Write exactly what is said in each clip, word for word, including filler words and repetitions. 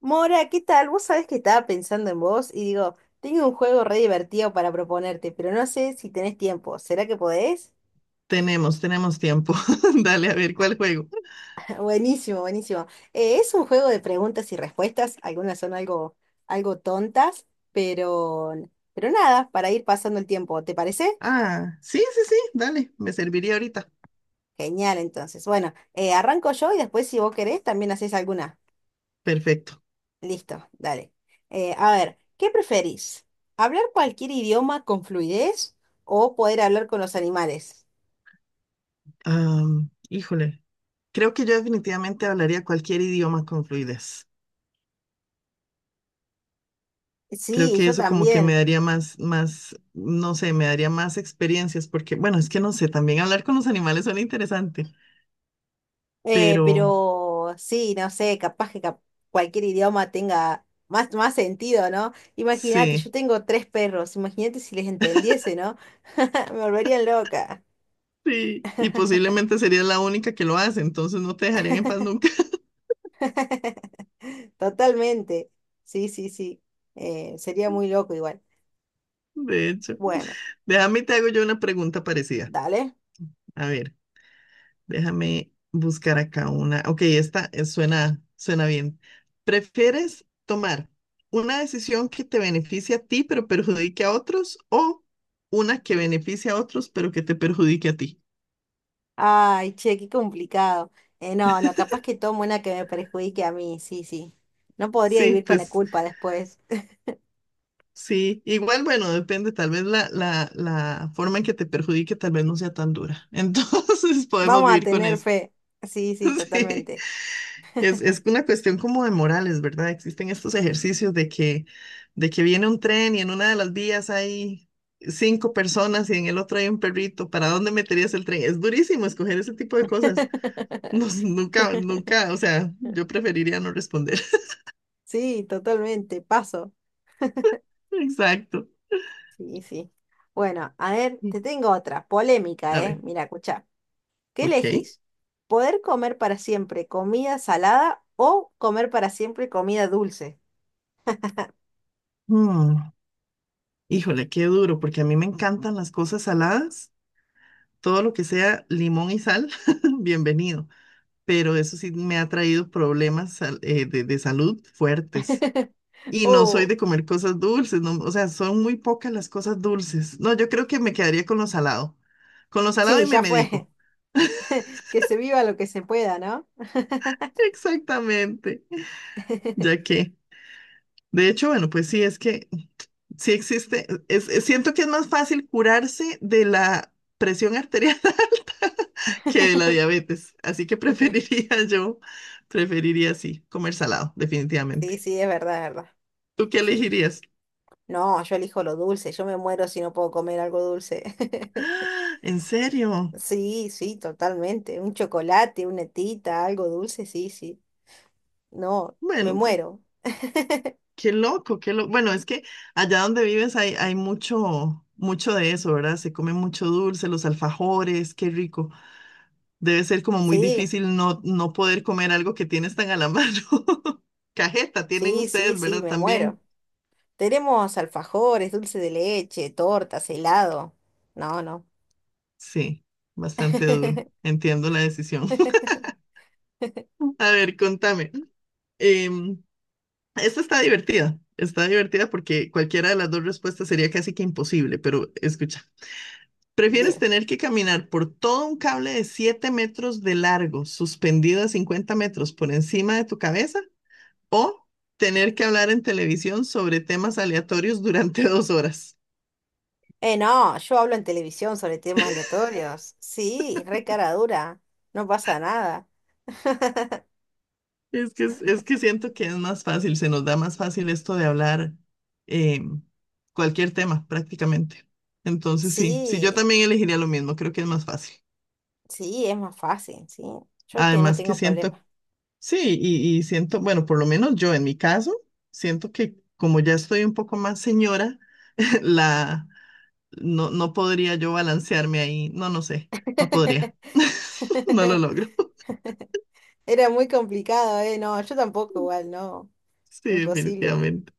Mora, ¿qué tal? Vos sabés que estaba pensando en vos y digo, tengo un juego re divertido para proponerte, pero no sé si tenés tiempo. ¿Será que podés? Tenemos, tenemos tiempo. Dale, a ver, ¿cuál juego? Buenísimo, buenísimo. Eh, es un juego de preguntas y respuestas, algunas son algo, algo tontas, pero, pero nada, para ir pasando el tiempo, ¿te parece? Ah, sí, sí, sí, dale, me serviría ahorita. Genial, entonces. Bueno, eh, arranco yo y después si vos querés también haces alguna. Perfecto. Listo, dale. Eh, a ver, ¿qué preferís? ¿Hablar cualquier idioma con fluidez o poder hablar con los animales? Am, híjole, creo que yo definitivamente hablaría cualquier idioma con fluidez. Creo Sí, que yo eso como que me también. daría más, más, no sé, me daría más experiencias, porque, bueno, es que no sé, también hablar con los animales suena interesante, Eh, pero Pero sí, no sé, capaz que cap- cualquier idioma tenga más, más sentido, ¿no? Imagínate, yo sí, tengo tres perros, imagínate si les entendiese, ¿no? Me volverían loca. sí, y posiblemente sería la única que lo hace, entonces no te dejarían en paz nunca. Totalmente. Sí, sí, sí. Eh, sería muy loco igual. De hecho. Bueno, Déjame y te hago yo una pregunta parecida. dale. A ver. Déjame buscar acá una. Ok, esta eh, suena, suena bien. ¿Prefieres tomar una decisión que te beneficie a ti pero perjudique a otros, o una que beneficie a otros pero que te perjudique a ti? Ay, che, qué complicado. Eh, no, no, capaz que tomo una que me perjudique a mí, sí, sí. No podría Sí, vivir con la pues culpa después. sí. Igual, bueno, depende. Tal vez la, la, la forma en que te perjudique tal vez no sea tan dura. Entonces podemos Vamos a vivir con tener eso. fe. Sí, sí, Sí. totalmente. Es, es una cuestión como de morales, ¿verdad? Existen estos ejercicios de que, de que viene un tren y en una de las vías hay cinco personas y en el otro hay un perrito. ¿Para dónde meterías el tren? Es durísimo escoger ese tipo de cosas. No, nunca, nunca, o sea, yo preferiría no responder. Sí, totalmente. Paso. Exacto. Sí, sí. Bueno, a ver, te tengo otra. Polémica, A ¿eh? ver, Mira, escucha. ¿Qué ok. elegís? ¿Poder comer para siempre comida salada o comer para siempre comida dulce? Mm, híjole, qué duro, porque a mí me encantan las cosas saladas. Todo lo que sea limón y sal, bienvenido. Pero eso sí me ha traído problemas sal- eh, de, de salud fuertes. Y no soy Oh, de comer cosas dulces, no, o sea, son muy pocas las cosas dulces. No, yo creo que me quedaría con lo salado. Con lo salado sí, y me ya fue. medico. Que se viva lo que se pueda, ¿no? Exactamente. Ya que, de hecho, bueno, pues sí, es que sí existe. Es- es- siento que es más fácil curarse de la presión arterial que de la diabetes. Así que preferiría yo, preferiría sí, comer salado, Sí, definitivamente. sí, es verdad, es verdad. ¿Tú qué Sí. elegirías? No, yo elijo lo dulce. Yo me muero si no puedo comer algo dulce. ¡Ah! ¿En serio? Sí, sí, totalmente. Un chocolate, una tita, algo dulce, sí, sí. No, me Bueno, pues muero. qué loco, qué loco. Bueno, es que allá donde vives hay, hay mucho, mucho de eso, ¿verdad? Se come mucho dulce, los alfajores, qué rico. Debe ser como muy Sí, difícil no, no poder comer algo que tienes tan a la mano. Cajeta tienen sí, sí, ustedes, sí, ¿verdad? me muero. También. Tenemos alfajores, dulce de leche, tortas, helado. No, no. Sí, bastante duro. Entiendo la decisión. A ver, contame. Em, Esta está divertida. Está divertida porque cualquiera de las dos respuestas sería casi que imposible, pero escucha. ¿Prefieres Dime. tener que caminar por todo un cable de siete metros de largo, suspendido a cincuenta metros por encima de tu cabeza? ¿O tener que hablar en televisión sobre temas aleatorios durante dos horas? Eh, no, yo hablo en televisión sobre temas aleatorios. Sí, re cara dura. No pasa nada. Es que, es, es que siento que es más fácil, se nos da más fácil esto de hablar eh, cualquier tema prácticamente. Entonces sí, sí, yo Sí, también elegiría lo mismo, creo que es más fácil. sí, es más fácil, sí. Yo te, no Además que tengo problema. siento sí, y, y siento, bueno, por lo menos yo en mi caso, siento que como ya estoy un poco más señora, la no, no podría yo balancearme ahí. No, no sé, no podría. No lo logro. Era muy complicado, ¿eh? No, yo tampoco, igual, no. Sí, Imposible. definitivamente.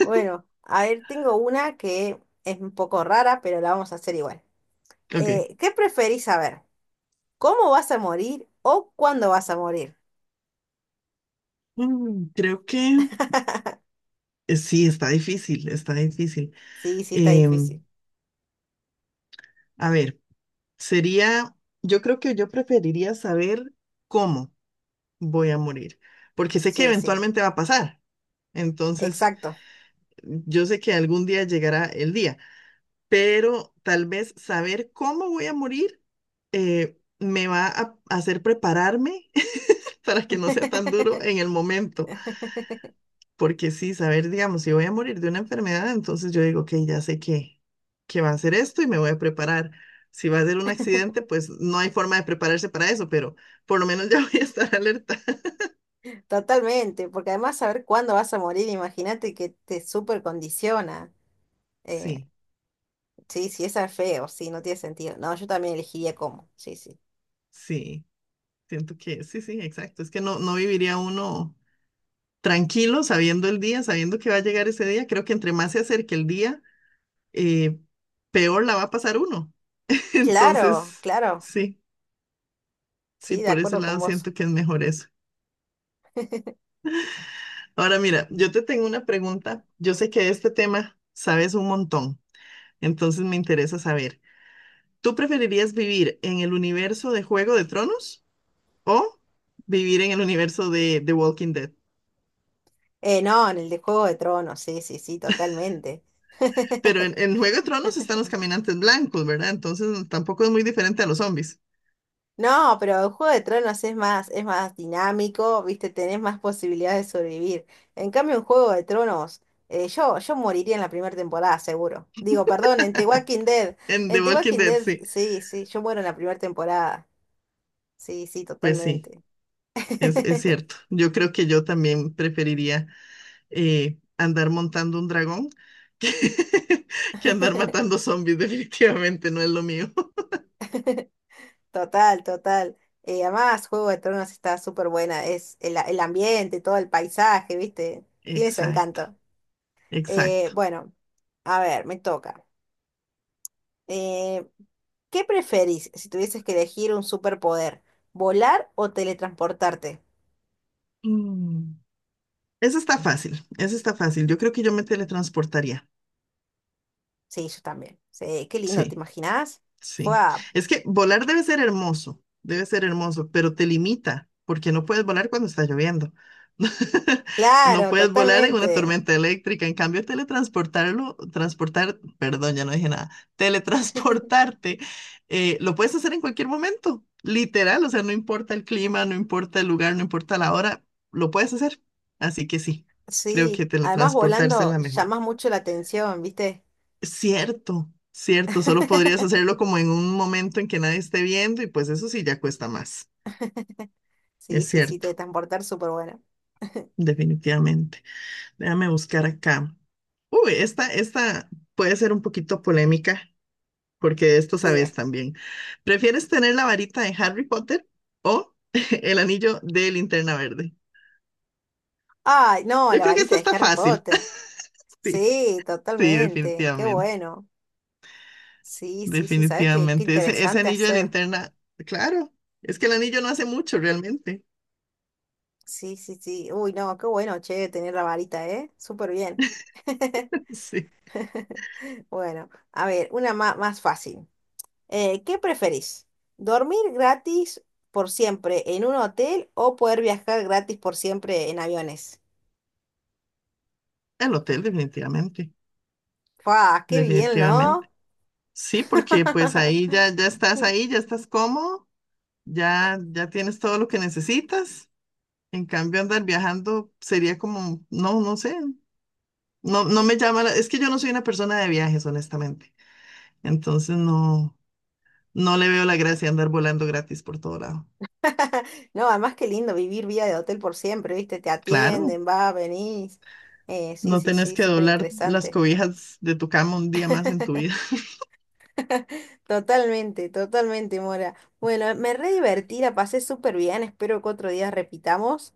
Bueno, a ver, tengo una que es un poco rara, pero la vamos a hacer igual. Ok. Eh, ¿qué preferís saber? ¿Cómo vas a morir o cuándo vas a morir? Mm, creo que eh, sí, está difícil, está difícil. Sí, sí, está Em, difícil. a ver, sería, yo creo que yo preferiría saber cómo voy a morir, porque sé que Sí, sí, eventualmente va a pasar. Entonces, exacto. yo sé que algún día llegará el día. Pero tal vez saber cómo voy a morir eh, me va a hacer prepararme para que no sea tan duro en el momento, porque sí, saber, digamos, si voy a morir de una enfermedad, entonces yo digo, ok, ya sé que, que va a ser esto y me voy a preparar. Si va a ser un accidente, pues no hay forma de prepararse para eso, pero por lo menos ya voy a estar alerta. Totalmente, porque además saber cuándo vas a morir, imagínate que te súper condiciona. Eh, Sí, sí, sí, esa es feo, sí, no tiene sentido. No, yo también elegiría cómo, sí, sí. sí, siento que sí, sí, exacto. Es que no, no viviría uno tranquilo sabiendo el día, sabiendo que va a llegar ese día. Creo que entre más se acerque el día, eh, peor la va a pasar uno. Claro, Entonces, claro. sí, sí, Sí, de por ese acuerdo con lado vos. siento que es mejor eso. Ahora mira, yo te tengo una pregunta. Yo sé que de este tema sabes un montón, entonces me interesa saber, ¿tú preferirías vivir en el universo de Juego de Tronos o vivir en el universo de The Walking Dead? Eh, no, en el de Juego de Tronos, sí, sí, sí, totalmente. Pero en, en Juego de Tronos están los caminantes blancos, ¿verdad? Entonces tampoco es muy diferente a los zombies. No, pero el Juego de Tronos es más, es más dinámico, viste, tenés más posibilidades de sobrevivir. En cambio, en Juego de Tronos, eh, yo, yo moriría en la primera temporada, seguro. Digo, perdón, en The Walking Dead. En The En The Walking Walking Dead, Dead, sí. sí, sí, yo muero en la primera temporada. Sí, sí, Pues sí, totalmente. es, es cierto. Yo creo que yo también preferiría eh, andar montando un dragón que, que andar matando zombies. Definitivamente no es lo mío. Total, total. Eh, además, Juego de Tronos está súper buena. Es el, el ambiente, todo el paisaje, ¿viste? Tiene su Exacto, encanto. Eh, exacto. Bueno, a ver, me toca. Eh, ¿Qué preferís si tuvieses que elegir un superpoder? ¿Volar o teletransportarte? Mm. Eso está fácil, eso está fácil. Yo creo que yo me teletransportaría. Sí, yo también. Sí, qué lindo, ¿te Sí. imaginás? Fue Sí, es que volar debe ser hermoso, debe ser hermoso, pero te limita, porque no puedes volar cuando está lloviendo. No Claro, puedes volar en una totalmente. tormenta eléctrica. En cambio, teletransportarlo, transportar, perdón, ya no dije nada, teletransportarte, eh, lo puedes hacer en cualquier momento, literal, o sea, no importa el clima, no importa el lugar, no importa la hora, lo puedes hacer. Así que sí, creo que Sí. Además, teletransportarse es volando la mejor. llamás mucho la atención, ¿viste? Cierto, cierto, solo podrías hacerlo como en un momento en que nadie esté viendo y pues eso sí ya cuesta más. Sí, Es sí, sí, cierto, teletransportar súper bueno. definitivamente. Déjame buscar acá. Uy, esta, esta puede ser un poquito polémica porque de esto sabes Dime. también. ¿Prefieres tener la varita de Harry Potter o el anillo de Linterna Verde? Ay, no, Yo la creo que varita esta de está Harry fácil. Potter. Sí, Sí, sí, totalmente. Qué definitivamente, bueno. Sí, sí, sí, ¿sabes qué? Qué definitivamente. Ese, ese interesante anillo de hacer. linterna, claro, es que el anillo no hace mucho realmente. Sí, sí, sí. Uy, no, qué bueno, che, tener la varita, ¿eh? Súper bien. Sí. Bueno, a ver, una ma- más fácil. Eh, ¿qué preferís? ¿Dormir gratis por siempre en un hotel o poder viajar gratis por siempre en aviones? El hotel, definitivamente, ¡Fua! ¡Qué bien, ¿no? definitivamente. Sí, porque pues ahí ya, ya estás ahí, ya estás cómodo, ya, ya tienes todo lo que necesitas. En cambio, andar viajando sería como, no, no sé, no, no me llama la- es que yo no soy una persona de viajes, honestamente. Entonces no, no le veo la gracia andar volando gratis por todo lado. No, además qué lindo vivir vida de hotel por siempre, ¿viste? Te Claro, atienden, va, venís. Eh, sí, no sí, tenés sí, que súper doblar las interesante. cobijas de tu cama un día más en tu vida, Totalmente, totalmente, Mora. Bueno, me re divertí, la pasé súper bien. Espero que otro día repitamos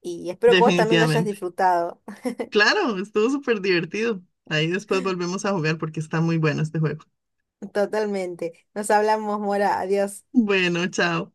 y espero que vos también lo hayas definitivamente. disfrutado. Claro, estuvo súper divertido. Ahí después volvemos a jugar porque está muy bueno este juego. Totalmente. Nos hablamos, Mora. Adiós. Bueno, chao.